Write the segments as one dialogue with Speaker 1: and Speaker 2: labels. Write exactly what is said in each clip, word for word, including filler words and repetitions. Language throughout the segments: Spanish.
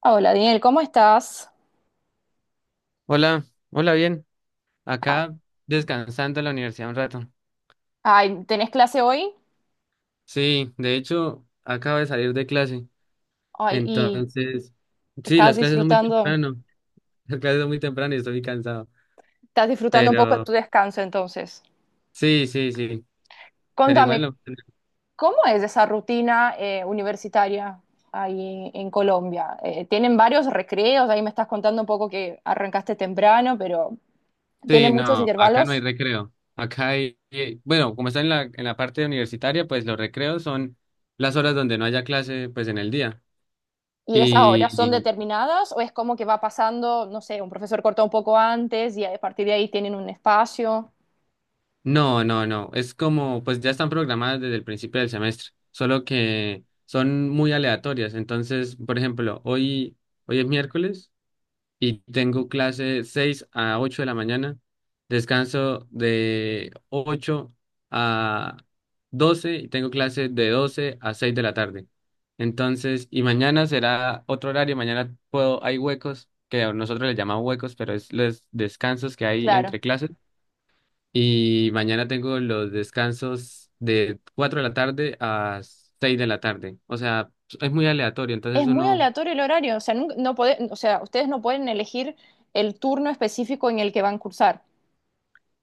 Speaker 1: Hola, Daniel, ¿cómo estás?
Speaker 2: Hola, hola, bien.
Speaker 1: Ah.
Speaker 2: Acá descansando en la universidad un rato.
Speaker 1: Ay, ¿tenés clase hoy?
Speaker 2: Sí, de hecho, acabo de salir de clase.
Speaker 1: Ay, y
Speaker 2: Entonces, sí,
Speaker 1: estás
Speaker 2: las clases son muy
Speaker 1: disfrutando,
Speaker 2: temprano. Las clases son muy temprano y estoy muy cansado.
Speaker 1: estás disfrutando un poco de
Speaker 2: Pero
Speaker 1: tu descanso entonces.
Speaker 2: sí, sí, sí. Pero igual
Speaker 1: Contame,
Speaker 2: no.
Speaker 1: ¿cómo es esa rutina eh, universitaria ahí en Colombia? Eh, ¿tienen varios recreos? Ahí me estás contando un poco que arrancaste temprano, pero
Speaker 2: Sí,
Speaker 1: ¿tienen muchos
Speaker 2: no, acá no hay
Speaker 1: intervalos?
Speaker 2: recreo. Acá hay, eh, bueno, como está en la, en la parte universitaria, pues los recreos son las horas donde no haya clase, pues en el día.
Speaker 1: ¿Y esas horas son
Speaker 2: Y,
Speaker 1: determinadas o es como que va pasando, no sé, un profesor corta un poco antes y a partir de ahí tienen un espacio?
Speaker 2: No, no, no. Es como, pues ya están programadas desde el principio del semestre, solo que son muy aleatorias. Entonces, por ejemplo, hoy, hoy es miércoles y tengo clase seis a ocho de la mañana, descanso de ocho a doce y tengo clase de doce a seis de la tarde. Entonces, y mañana será otro horario, mañana puedo, hay huecos, que nosotros le llamamos huecos, pero es los descansos que hay
Speaker 1: Claro.
Speaker 2: entre clases y mañana tengo los descansos de cuatro de la tarde a seis de la tarde. O sea, es muy aleatorio.
Speaker 1: Es
Speaker 2: Entonces
Speaker 1: muy
Speaker 2: uno,
Speaker 1: aleatorio el horario, o sea, nunca- no pode- o sea, ustedes no pueden elegir el turno específico en el que van a cursar.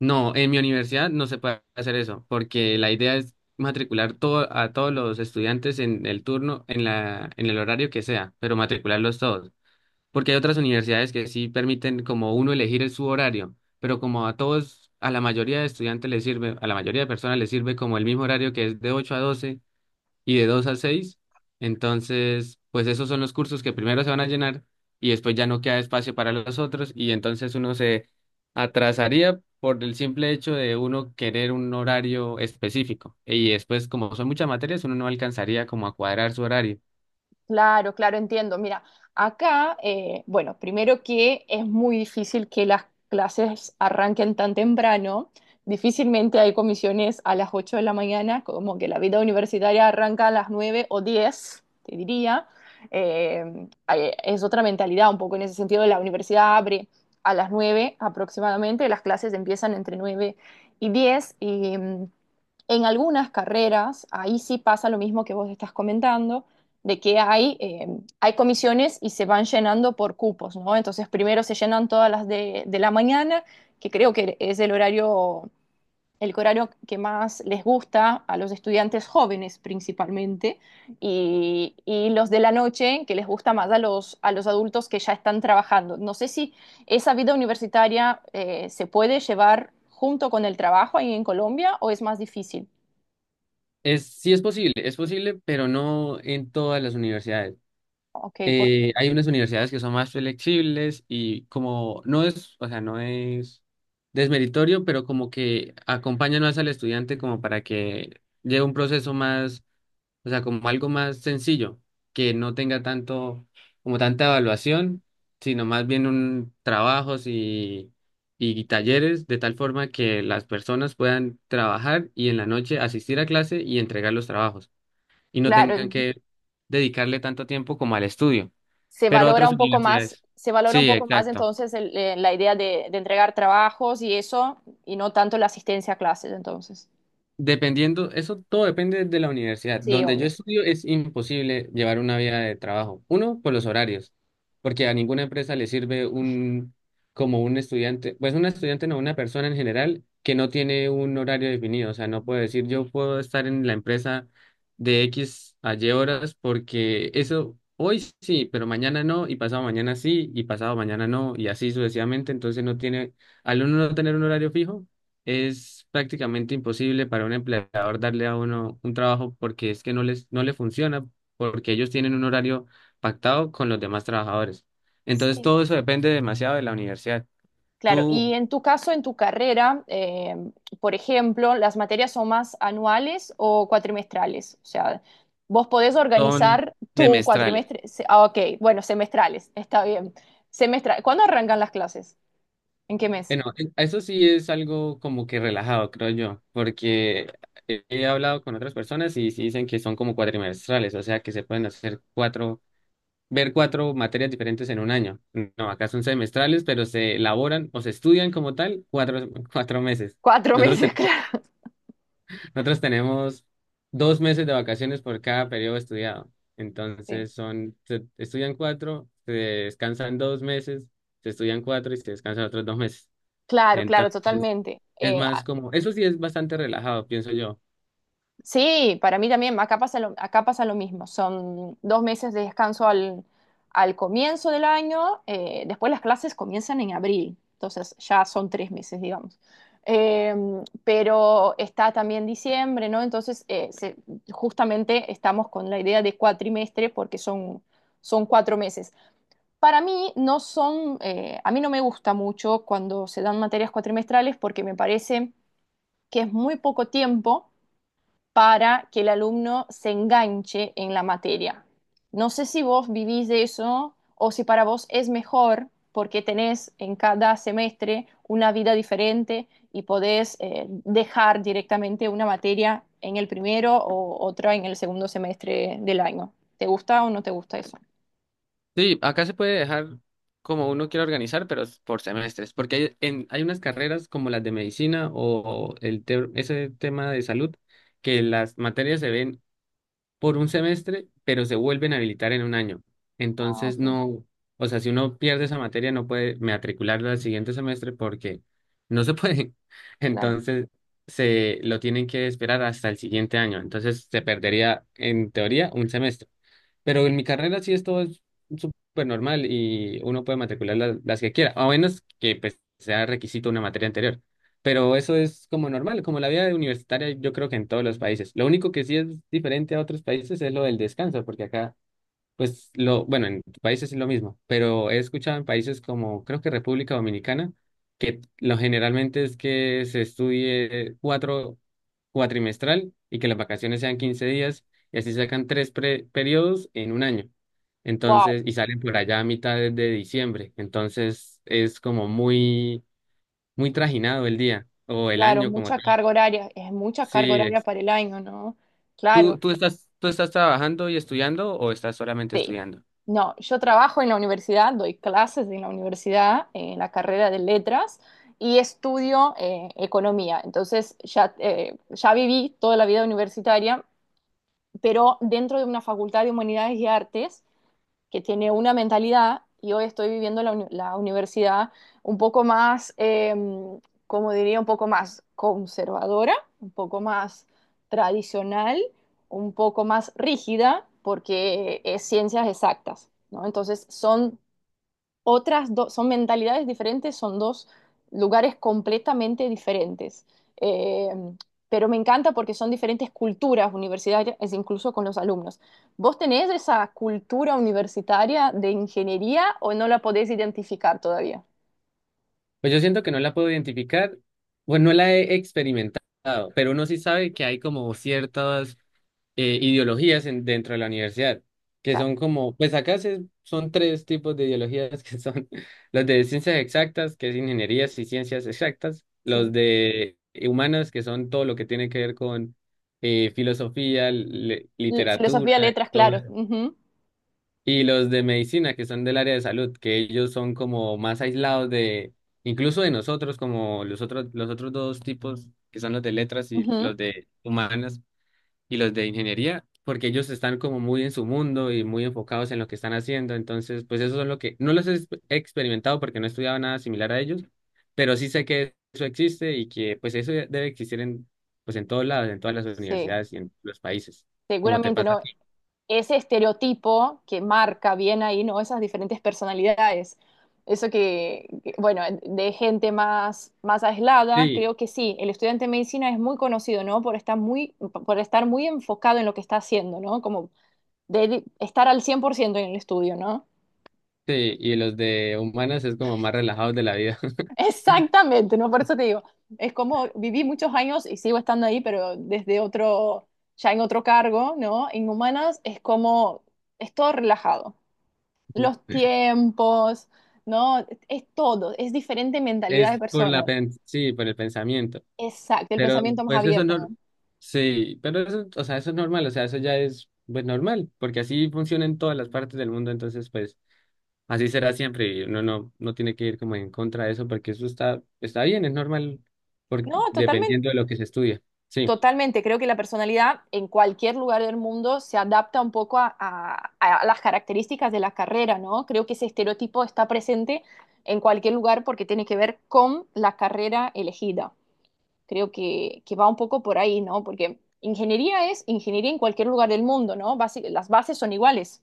Speaker 2: no, en mi universidad no se puede hacer eso, porque la idea es matricular todo, a todos los estudiantes en el turno, en la, en el horario que sea, pero matricularlos todos. Porque hay otras universidades que sí permiten como uno elegir el- su horario, pero como a todos, a la mayoría de estudiantes les sirve, a la mayoría de personas les sirve como el mismo horario que es de ocho a doce y de dos a seis. Entonces, pues esos son los cursos que primero se van a llenar y después ya no queda espacio para los otros y entonces uno se atrasaría por el simple hecho de uno querer un horario específico. Y después, como son muchas materias, uno no alcanzaría como a cuadrar su horario.
Speaker 1: Claro, claro, entiendo. Mira, acá, eh, bueno, primero que es muy difícil que las clases arranquen tan temprano. Difícilmente hay comisiones a las ocho de la mañana, como que la vida universitaria arranca a las nueve o diez, te diría. Eh, hay- es otra mentalidad un poco en ese sentido. La universidad abre a las nueve aproximadamente, las clases empiezan entre nueve y diez. Y... mm, en algunas carreras, ahí sí pasa lo mismo que vos estás comentando, de que hay, eh, hay comisiones y se van llenando por cupos, ¿no? Entonces primero se llenan todas las de, de la mañana, que creo que es el horario, el horario, que más les gusta a los estudiantes jóvenes principalmente, y, y los de la noche que les gusta más a los, a los adultos que ya están trabajando. No sé si esa vida universitaria eh, se puede llevar junto con el trabajo ahí en Colombia o es más difícil.
Speaker 2: Es, sí es posible, es posible, pero no en todas las universidades.
Speaker 1: Ok, por,
Speaker 2: Eh, hay unas universidades que son más flexibles y como no es, o sea, no es desmeritorio, pero como que acompañan más al estudiante como para que lleve un proceso más, o sea, como algo más sencillo, que no tenga tanto, como tanta evaluación, sino más bien un trabajos y, y talleres, de tal forma que las personas puedan trabajar y en la noche asistir a clase y entregar los trabajos y no tengan
Speaker 1: claro,
Speaker 2: que dedicarle tanto tiempo como al estudio,
Speaker 1: se
Speaker 2: pero
Speaker 1: valora
Speaker 2: otras
Speaker 1: un poco más,
Speaker 2: universidades.
Speaker 1: se valora un
Speaker 2: Sí,
Speaker 1: poco más
Speaker 2: exacto.
Speaker 1: entonces el- eh, la idea de, de entregar trabajos y eso, y no tanto la asistencia a clases entonces.
Speaker 2: Dependiendo, eso todo depende de la universidad.
Speaker 1: Sí,
Speaker 2: Donde yo
Speaker 1: obvio.
Speaker 2: estudio es imposible llevar una vida de trabajo. Uno, por los horarios, porque a ninguna empresa le sirve un, como un estudiante, pues un estudiante no, una persona en general que no tiene un horario definido. O sea, no puede decir yo puedo estar en la empresa de X a Y horas porque eso hoy sí, pero mañana no, y pasado mañana sí, y pasado mañana no, y así sucesivamente. Entonces no tiene, al uno no tener un horario fijo es prácticamente imposible para un empleador darle a uno un trabajo porque es que no les no le funciona, porque ellos tienen un horario pactado con los demás trabajadores. Entonces
Speaker 1: Sí,
Speaker 2: todo eso depende demasiado de la universidad.
Speaker 1: claro. Y
Speaker 2: Tú
Speaker 1: en tu caso, en tu carrera, eh, por ejemplo, ¿las materias son más anuales o cuatrimestrales? O sea, vos podés
Speaker 2: son
Speaker 1: organizar tu
Speaker 2: semestrales.
Speaker 1: cuatrimestre. se- Ah, ok, bueno, semestrales, está bien. Semestral. ¿Cuándo arrancan las clases? ¿En qué mes?
Speaker 2: Bueno, e- eso sí es algo como que relajado, creo yo, porque he he hablado con otras personas y sí dicen que son como cuatrimestrales, o sea que se pueden hacer cuatro ver cuatro materias diferentes en un año. No, acá son semestrales, pero se elaboran o se estudian como tal cuatro, cuatro meses.
Speaker 1: Cuatro
Speaker 2: Nosotros
Speaker 1: meses,
Speaker 2: tenemos,
Speaker 1: claro.
Speaker 2: nosotros tenemos dos meses de vacaciones por cada periodo estudiado.
Speaker 1: Sí.
Speaker 2: Entonces son, se estudian cuatro, se descansan dos meses, se estudian cuatro y se descansan otros dos meses.
Speaker 1: Claro, claro,
Speaker 2: Entonces
Speaker 1: totalmente.
Speaker 2: es
Speaker 1: Eh,
Speaker 2: más como, eso sí es bastante relajado, pienso yo.
Speaker 1: Sí, para mí también, acá pasa lo, acá pasa lo mismo. Son dos meses de descanso al, al comienzo del año, eh, después las clases comienzan en abril, entonces ya son tres meses, digamos. Eh, pero está también diciembre, ¿no? Entonces, eh, se- justamente estamos con la idea de cuatrimestre porque son, son cuatro meses. Para mí no son, eh, a mí no me gusta mucho cuando se dan materias cuatrimestrales porque me parece que es muy poco tiempo para que el alumno se enganche en la materia. No sé si vos vivís de eso o si para vos es mejor porque tenés en cada semestre una vida diferente y podés eh, dejar directamente una materia en el primero o otra en el segundo semestre del año. ¿Te gusta o no te gusta eso?
Speaker 2: Sí, acá se puede dejar como uno quiera organizar, pero es por semestres, porque hay, en, hay unas carreras como las de medicina o el te- ese tema de salud, que las materias se ven por un semestre, pero se vuelven a habilitar en un año.
Speaker 1: Ah,
Speaker 2: Entonces
Speaker 1: ok,
Speaker 2: no, o sea, si uno pierde esa materia no puede matricularla al siguiente semestre porque no se puede.
Speaker 1: claro.
Speaker 2: Entonces se lo tienen que esperar hasta el siguiente año. Entonces se perdería en teoría un semestre. Pero en mi carrera sí esto es súper normal y uno puede matricular la- las, que quiera, a menos que pues, sea requisito una materia anterior. Pero eso es como normal, como la vida universitaria yo creo que en todos los países. Lo único que sí es diferente a otros países es lo del descanso, porque acá pues lo, bueno, en países es lo mismo, pero he escuchado en países como creo que República Dominicana, que lo generalmente es que se estudie cuatro cuatrimestral y que las vacaciones sean quince días y así sacan tres pre- periodos en un año.
Speaker 1: Wow,
Speaker 2: Entonces, y salen por allá a mitad de, de diciembre. Entonces es como muy, muy trajinado el día o el
Speaker 1: claro,
Speaker 2: año como
Speaker 1: mucha
Speaker 2: tal.
Speaker 1: carga horaria, es mucha carga
Speaker 2: Sí,
Speaker 1: horaria
Speaker 2: es-
Speaker 1: para el año, ¿no?
Speaker 2: ¿Tú,
Speaker 1: Claro.
Speaker 2: tú estás, tú estás trabajando y estudiando o estás solamente
Speaker 1: Sí.
Speaker 2: estudiando?
Speaker 1: No, yo trabajo en la universidad, doy clases en la universidad, en la carrera de letras y estudio eh, economía. Entonces ya, eh, ya viví toda la vida universitaria, pero dentro de una facultad de humanidades y artes que tiene una mentalidad y hoy estoy viviendo la, uni- la universidad un poco más, eh, como diría, un poco más conservadora, un poco más tradicional, un poco más rígida, porque es ciencias exactas, ¿no? Entonces son otras dos, son mentalidades diferentes, son dos lugares completamente diferentes. Eh, pero me encanta porque son diferentes culturas universitarias, es incluso con los alumnos. ¿Vos tenés esa cultura universitaria de ingeniería o no la podés identificar todavía?
Speaker 2: Pues yo siento que no la puedo identificar, bueno no la he experimentado, pero uno sí sabe que hay como ciertas eh, ideologías en- dentro de la universidad, que
Speaker 1: Claro,
Speaker 2: son como, pues acá se- son tres tipos de ideologías que son los de ciencias exactas, que es ingenierías y ciencias exactas, los
Speaker 1: sí.
Speaker 2: de humanos, que son todo lo que tiene que ver con eh, filosofía, le-
Speaker 1: L-
Speaker 2: literatura,
Speaker 1: Filosofía, letras, claro. Ujú,
Speaker 2: y los de medicina, que son del área de salud, que ellos son como más aislados de, incluso de nosotros, como los otros, los otros dos tipos, que son los de letras y
Speaker 1: ujú.
Speaker 2: los de humanas y los de ingeniería, porque ellos están como muy en su mundo y muy enfocados en lo que están haciendo. Entonces, pues eso es lo que, no los he exp- he experimentado porque no he estudiado nada similar a ellos, pero sí sé que eso existe y que pues eso debe existir en, pues en todos lados, en todas las
Speaker 1: Sí,
Speaker 2: universidades y en los países, como te
Speaker 1: seguramente
Speaker 2: pasa a
Speaker 1: no.
Speaker 2: ti.
Speaker 1: Ese estereotipo que marca bien ahí, ¿no? Esas diferentes personalidades. Eso que, que, bueno, de gente más, más aislada,
Speaker 2: Sí.
Speaker 1: creo que sí, el estudiante de medicina es muy conocido, ¿no? Por estar muy, por estar muy, enfocado en lo que está haciendo, ¿no? Como de estar al cien por ciento en el estudio, ¿no?
Speaker 2: Sí, y los de humanas es como más relajados de la vida.
Speaker 1: Exactamente, ¿no? Por eso te digo, es como viví muchos años y sigo estando ahí, pero desde otro, ya en otro cargo, ¿no? En humanas es como, es todo relajado. Los tiempos, ¿no? Es todo, es diferente mentalidad de
Speaker 2: Es por la
Speaker 1: personas.
Speaker 2: pen- Sí, por el pensamiento.
Speaker 1: Exacto, el
Speaker 2: Pero
Speaker 1: pensamiento más
Speaker 2: pues eso
Speaker 1: abierto,
Speaker 2: no,
Speaker 1: ¿no?
Speaker 2: sí, pero eso, o sea, eso es normal, o sea, eso ya es pues normal, porque así funciona en todas las partes del mundo, entonces pues así será siempre y uno no no tiene que ir como en contra de eso porque eso está está bien, es normal por-
Speaker 1: No, totalmente,
Speaker 2: dependiendo de lo que se estudia. Sí,
Speaker 1: totalmente. Creo que la personalidad en cualquier lugar del mundo se adapta un poco a, a- a las características de la carrera, ¿no? Creo que ese estereotipo está presente en cualquier lugar porque tiene que ver con la carrera elegida. Creo que, que va un poco por ahí, ¿no? Porque ingeniería es ingeniería en cualquier lugar del mundo, ¿no? Basi- las bases son iguales.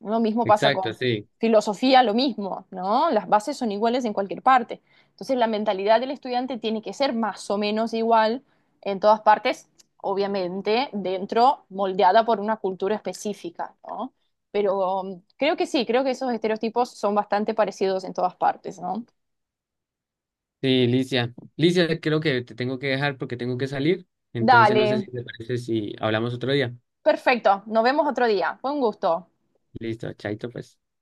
Speaker 1: Lo mismo pasa
Speaker 2: exacto,
Speaker 1: con
Speaker 2: sí.
Speaker 1: filosofía, lo mismo, ¿no? Las bases son iguales en cualquier parte. Entonces, la mentalidad del estudiante tiene que ser más o menos igual en todas partes, obviamente, dentro, moldeada por una cultura específica, ¿no? Pero um, creo que sí, creo que esos estereotipos son bastante parecidos en todas partes, ¿no?
Speaker 2: Sí, Licia. Licia, creo que te tengo que dejar porque tengo que salir, entonces
Speaker 1: Dale,
Speaker 2: no sé si te parece si hablamos otro día.
Speaker 1: perfecto, nos vemos otro día. Fue un gusto.
Speaker 2: Listo, chaito pues.